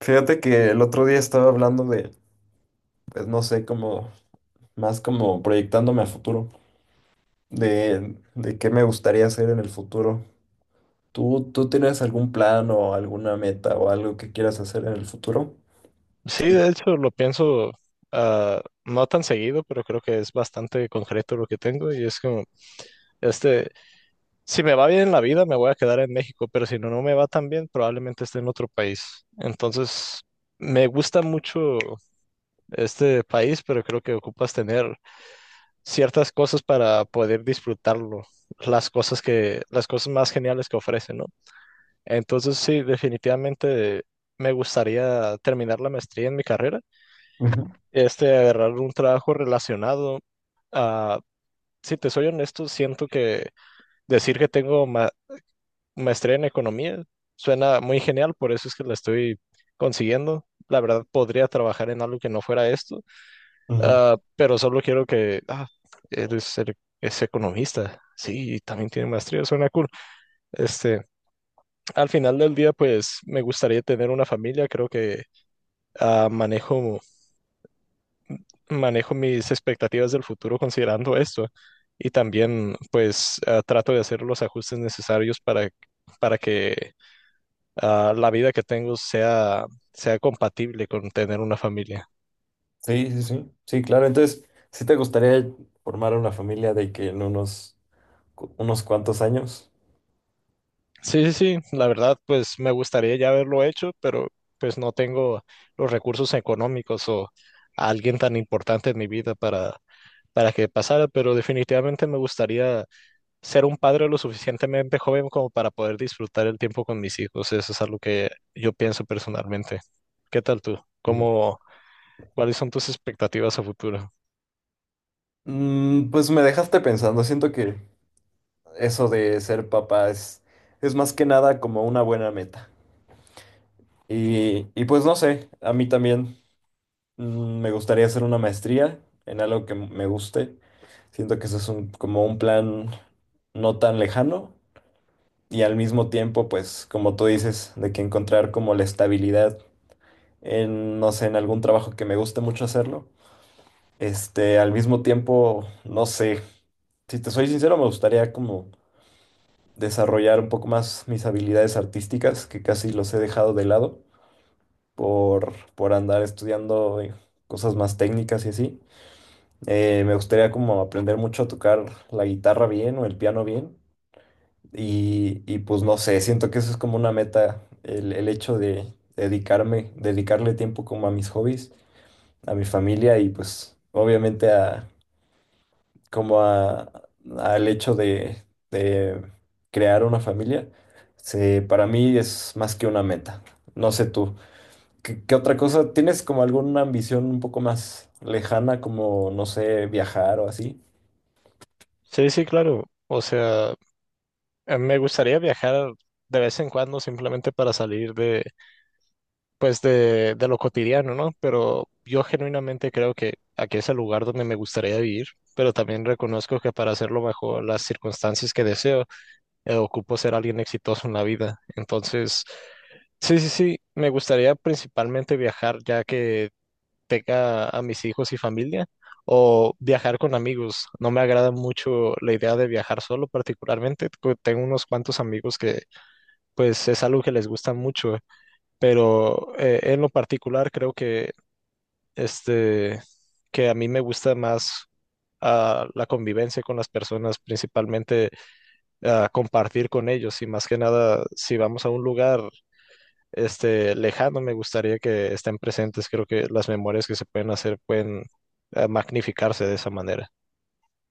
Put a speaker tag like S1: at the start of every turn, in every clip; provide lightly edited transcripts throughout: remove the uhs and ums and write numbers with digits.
S1: Fíjate que el otro día estaba hablando de, pues no sé, como más como proyectándome a futuro, de qué me gustaría hacer en el futuro. ¿Tú tienes algún plan o alguna meta o algo que quieras hacer en el futuro?
S2: Sí, de hecho lo pienso no tan seguido, pero creo que es bastante concreto lo que tengo y es como, este, si me va bien en la vida me voy a quedar en México, pero si no, no me va tan bien, probablemente esté en otro país. Entonces, me gusta mucho este país, pero creo que ocupas tener ciertas cosas para poder disfrutarlo, las cosas más geniales que ofrece, ¿no? Entonces, sí, definitivamente me gustaría terminar la maestría en mi carrera,
S1: Ujú,
S2: agarrar un trabajo relacionado. A Si te soy honesto, siento que decir que tengo maestría en economía suena muy genial, por eso es que la estoy consiguiendo. La verdad, podría trabajar en algo que no fuera esto,
S1: ujú.
S2: pero solo quiero que, eres, es economista. Sí, y también tiene maestría, suena cool. Este, Al final del día, pues me gustaría tener una familia, creo que ah, manejo. manejo mis expectativas del futuro considerando esto y también pues trato de hacer los ajustes necesarios para que la vida que tengo sea, sea compatible con tener una familia.
S1: Sí, sí, sí. Sí, claro. Entonces, ¿sí te gustaría formar una familia de que en unos, unos cuantos años?
S2: Sí, sí, sí, la verdad pues me gustaría ya haberlo hecho, pero pues no tengo los recursos económicos o a alguien tan importante en mi vida para que pasara, pero definitivamente me gustaría ser un padre lo suficientemente joven como para poder disfrutar el tiempo con mis hijos. Eso es algo que yo pienso personalmente. ¿Qué tal tú?
S1: Sí.
S2: ¿Cómo, cuáles son tus expectativas a futuro?
S1: Pues me dejaste pensando. Siento que eso de ser papá es más que nada como una buena meta. Y pues no sé, a mí también me gustaría hacer una maestría en algo que me guste. Siento que ese es un, como un plan no tan lejano y al mismo tiempo, pues como tú dices, de que encontrar como la estabilidad en, no sé, en algún trabajo que me guste mucho hacerlo. Este, al mismo tiempo, no sé, si te soy sincero, me gustaría como desarrollar un poco más mis habilidades artísticas, que casi los he dejado de lado. Por andar estudiando cosas más técnicas y así. Me gustaría como aprender mucho a tocar la guitarra bien o el piano bien. Y pues no sé, siento que eso es como una meta, el hecho de dedicarme, dedicarle tiempo como a mis hobbies, a mi familia y pues obviamente a como a, al hecho de crear una familia. Se, para mí es más que una meta. No sé tú. ¿Qué otra cosa? ¿Tienes como alguna ambición un poco más lejana, como, no sé, viajar o así?
S2: Sí, sí, claro. O sea, me gustaría viajar de vez en cuando simplemente para salir de, pues de lo cotidiano, ¿no? Pero yo genuinamente creo que aquí es el lugar donde me gustaría vivir, pero también reconozco que para hacerlo bajo las circunstancias que deseo, ocupo ser alguien exitoso en la vida. Entonces, sí, sí, sí, me gustaría principalmente viajar ya que tenga a mis hijos y familia o viajar con amigos. No me agrada mucho la idea de viajar solo particularmente. Tengo unos cuantos amigos que pues es algo que les gusta mucho, pero en lo particular creo que este que a mí me gusta más la convivencia con las personas, principalmente a compartir con ellos y más que nada, si vamos a un lugar este lejano, me gustaría que estén presentes. Creo que las memorias que se pueden hacer pueden magnificarse de esa manera.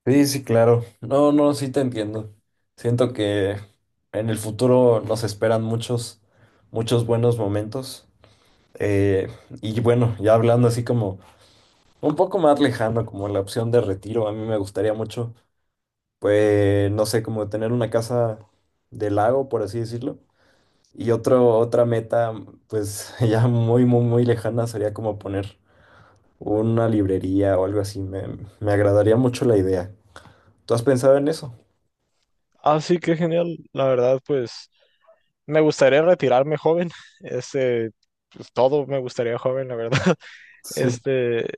S1: Sí, sí, claro. No, no, sí te entiendo. Siento que en el futuro nos esperan muchos, muchos buenos momentos. Eh, y bueno, ya hablando así como un poco más lejano, como la opción de retiro, a mí me gustaría mucho, pues, no sé, como tener una casa de lago, por así decirlo. Y otro, otra meta, pues ya muy, muy, muy lejana sería como poner una librería o algo así. Me agradaría mucho la idea. ¿Tú has pensado en eso?
S2: Ah, sí, qué genial. La verdad, pues me gustaría retirarme joven. Este, pues, todo me gustaría joven, la verdad.
S1: Sí,
S2: Este,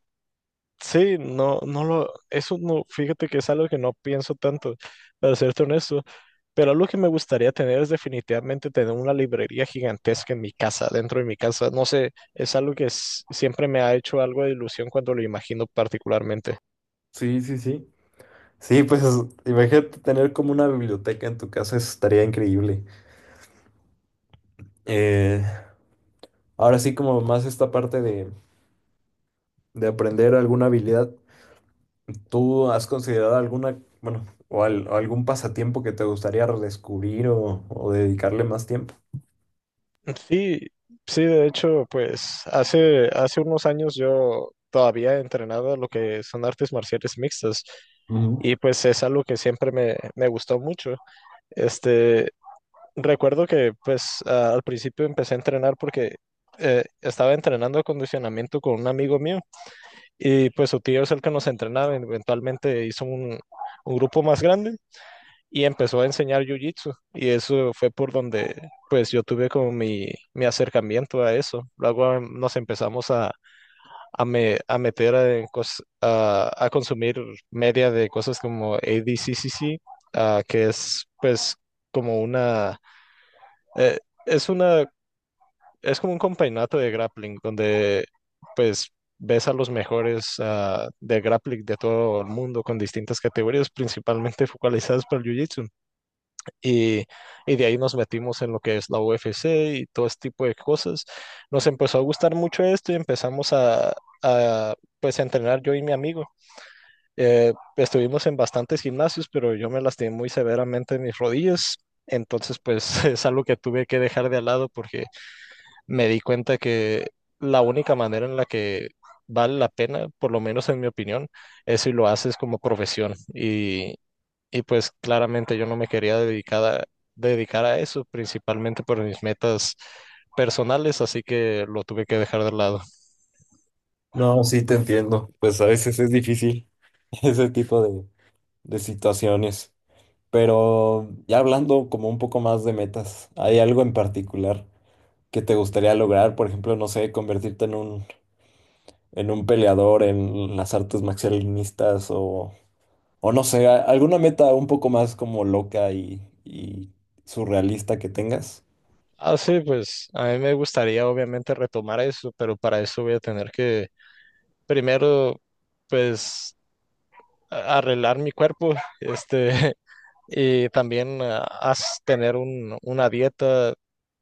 S2: Sí, eso no, fíjate que es algo que no pienso tanto, para serte honesto, pero algo que me gustaría tener es definitivamente tener una librería gigantesca en mi casa, dentro de mi casa, no sé, es algo que siempre me ha hecho algo de ilusión cuando lo imagino particularmente.
S1: sí, sí, sí. Sí, pues imagínate tener como una biblioteca en tu casa, eso estaría increíble. Eh, Ahora sí, como más esta parte de aprender alguna habilidad, ¿tú has considerado alguna, bueno, o, o algún pasatiempo que te gustaría redescubrir o dedicarle más tiempo?
S2: Sí, sí, de hecho, pues hace unos años yo todavía entrenaba lo que son artes marciales mixtas
S1: Ujú.
S2: y pues es algo que siempre me gustó mucho. Este, Recuerdo que pues al principio empecé a entrenar porque estaba entrenando acondicionamiento con un amigo mío y pues su tío es el que nos entrenaba, eventualmente hizo un grupo más grande y empezó a enseñar jiu-jitsu y eso fue por donde pues yo tuve como mi acercamiento a eso. Luego nos empezamos a, a consumir media de cosas como ADCCC, que es pues como una... eh, es una es como un campeonato de grappling donde pues ves a los mejores de grappling de todo el mundo con distintas categorías, principalmente focalizadas por el Jiu-Jitsu. Y, y de ahí nos metimos en lo que es la UFC y todo este tipo de cosas. Nos empezó a gustar mucho esto y empezamos a, pues a entrenar yo y mi amigo. Estuvimos en bastantes gimnasios, pero yo me lastimé muy severamente mis rodillas. Entonces, pues es algo que tuve que dejar de lado porque me di cuenta que la única manera en la que vale la pena, por lo menos en mi opinión, es si lo haces como profesión. Y pues claramente yo no me quería dedicar a, dedicar a eso, principalmente por mis metas personales, así que lo tuve que dejar de lado.
S1: No, sí, te entiendo. Pues a veces es difícil ese tipo de situaciones. Pero ya hablando como un poco más de metas, ¿hay algo en particular que te gustaría lograr? Por ejemplo, no sé, convertirte en un peleador en las artes marcialistas o no sé, alguna meta un poco más como loca y surrealista que tengas.
S2: Ah, sí, pues a mí me gustaría obviamente retomar eso, pero para eso voy a tener que primero, pues, arreglar mi cuerpo, este, y también tener un, una dieta,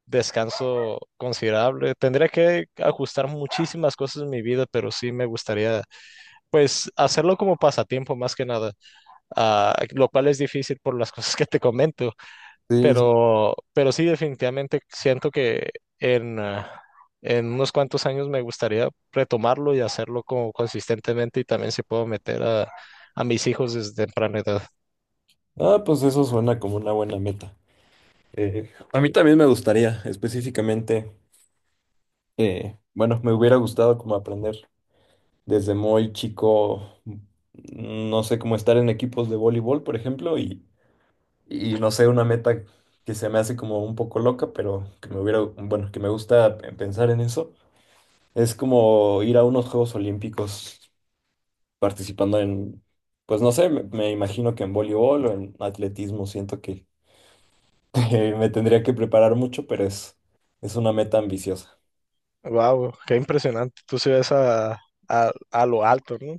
S2: descanso considerable. Tendría que ajustar muchísimas cosas en mi vida, pero sí me gustaría, pues, hacerlo como pasatiempo más que nada, lo cual es difícil por las cosas que te comento.
S1: Sí. Sí.
S2: Pero sí, definitivamente siento que en, ah, en unos cuantos años me gustaría retomarlo y hacerlo como consistentemente y también si puedo meter a mis hijos desde temprana edad.
S1: Ah, pues eso suena como una buena meta. A mí también me gustaría, específicamente, bueno, me hubiera gustado como aprender. Desde muy chico, no sé, cómo estar en equipos de voleibol, por ejemplo, y no sé, una meta que se me hace como un poco loca, pero que me hubiera, bueno, que me gusta pensar en eso, es como ir a unos Juegos Olímpicos participando en, pues no sé, me imagino que en voleibol o en atletismo, siento que que me tendría que preparar mucho, pero es una meta ambiciosa.
S2: Wow, qué impresionante. Tú se ves a, a lo alto, ¿no?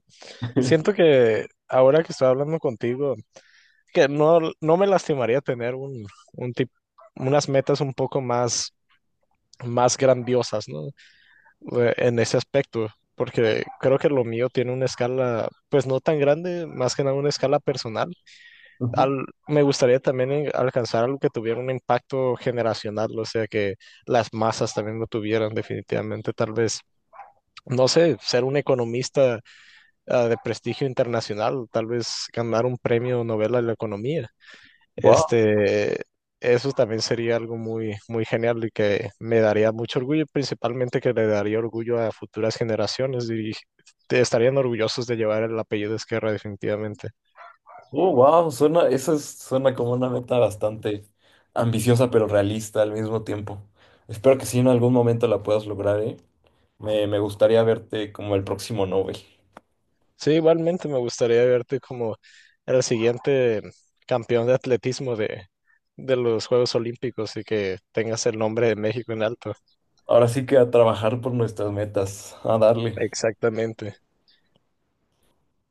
S2: Siento que ahora que estoy hablando contigo, que no, no me lastimaría tener un, un tip- unas metas un poco más, más grandiosas, ¿no? En ese aspecto, porque creo que lo mío tiene una escala, pues no tan grande, más que nada una escala personal. Me gustaría también alcanzar algo que tuviera un impacto generacional, o sea, que las masas también lo tuvieran definitivamente, tal vez. No sé, ser un economista, de prestigio internacional, tal vez ganar un premio Nobel a la economía.
S1: Wow.
S2: Este, Eso también sería algo muy, muy genial y que me daría mucho orgullo, principalmente que le daría orgullo a futuras generaciones y estarían orgullosos de llevar el apellido de Esquerra definitivamente.
S1: Oh, wow, suena, suena como una meta bastante ambiciosa pero realista al mismo tiempo. Espero que sí en algún momento la puedas lograr, ¿eh? Me gustaría verte como el próximo Nobel.
S2: Sí, igualmente me gustaría verte como el siguiente campeón de atletismo de los Juegos Olímpicos y que tengas el nombre de México en alto.
S1: Ahora sí que a trabajar por nuestras metas, a darle.
S2: Exactamente.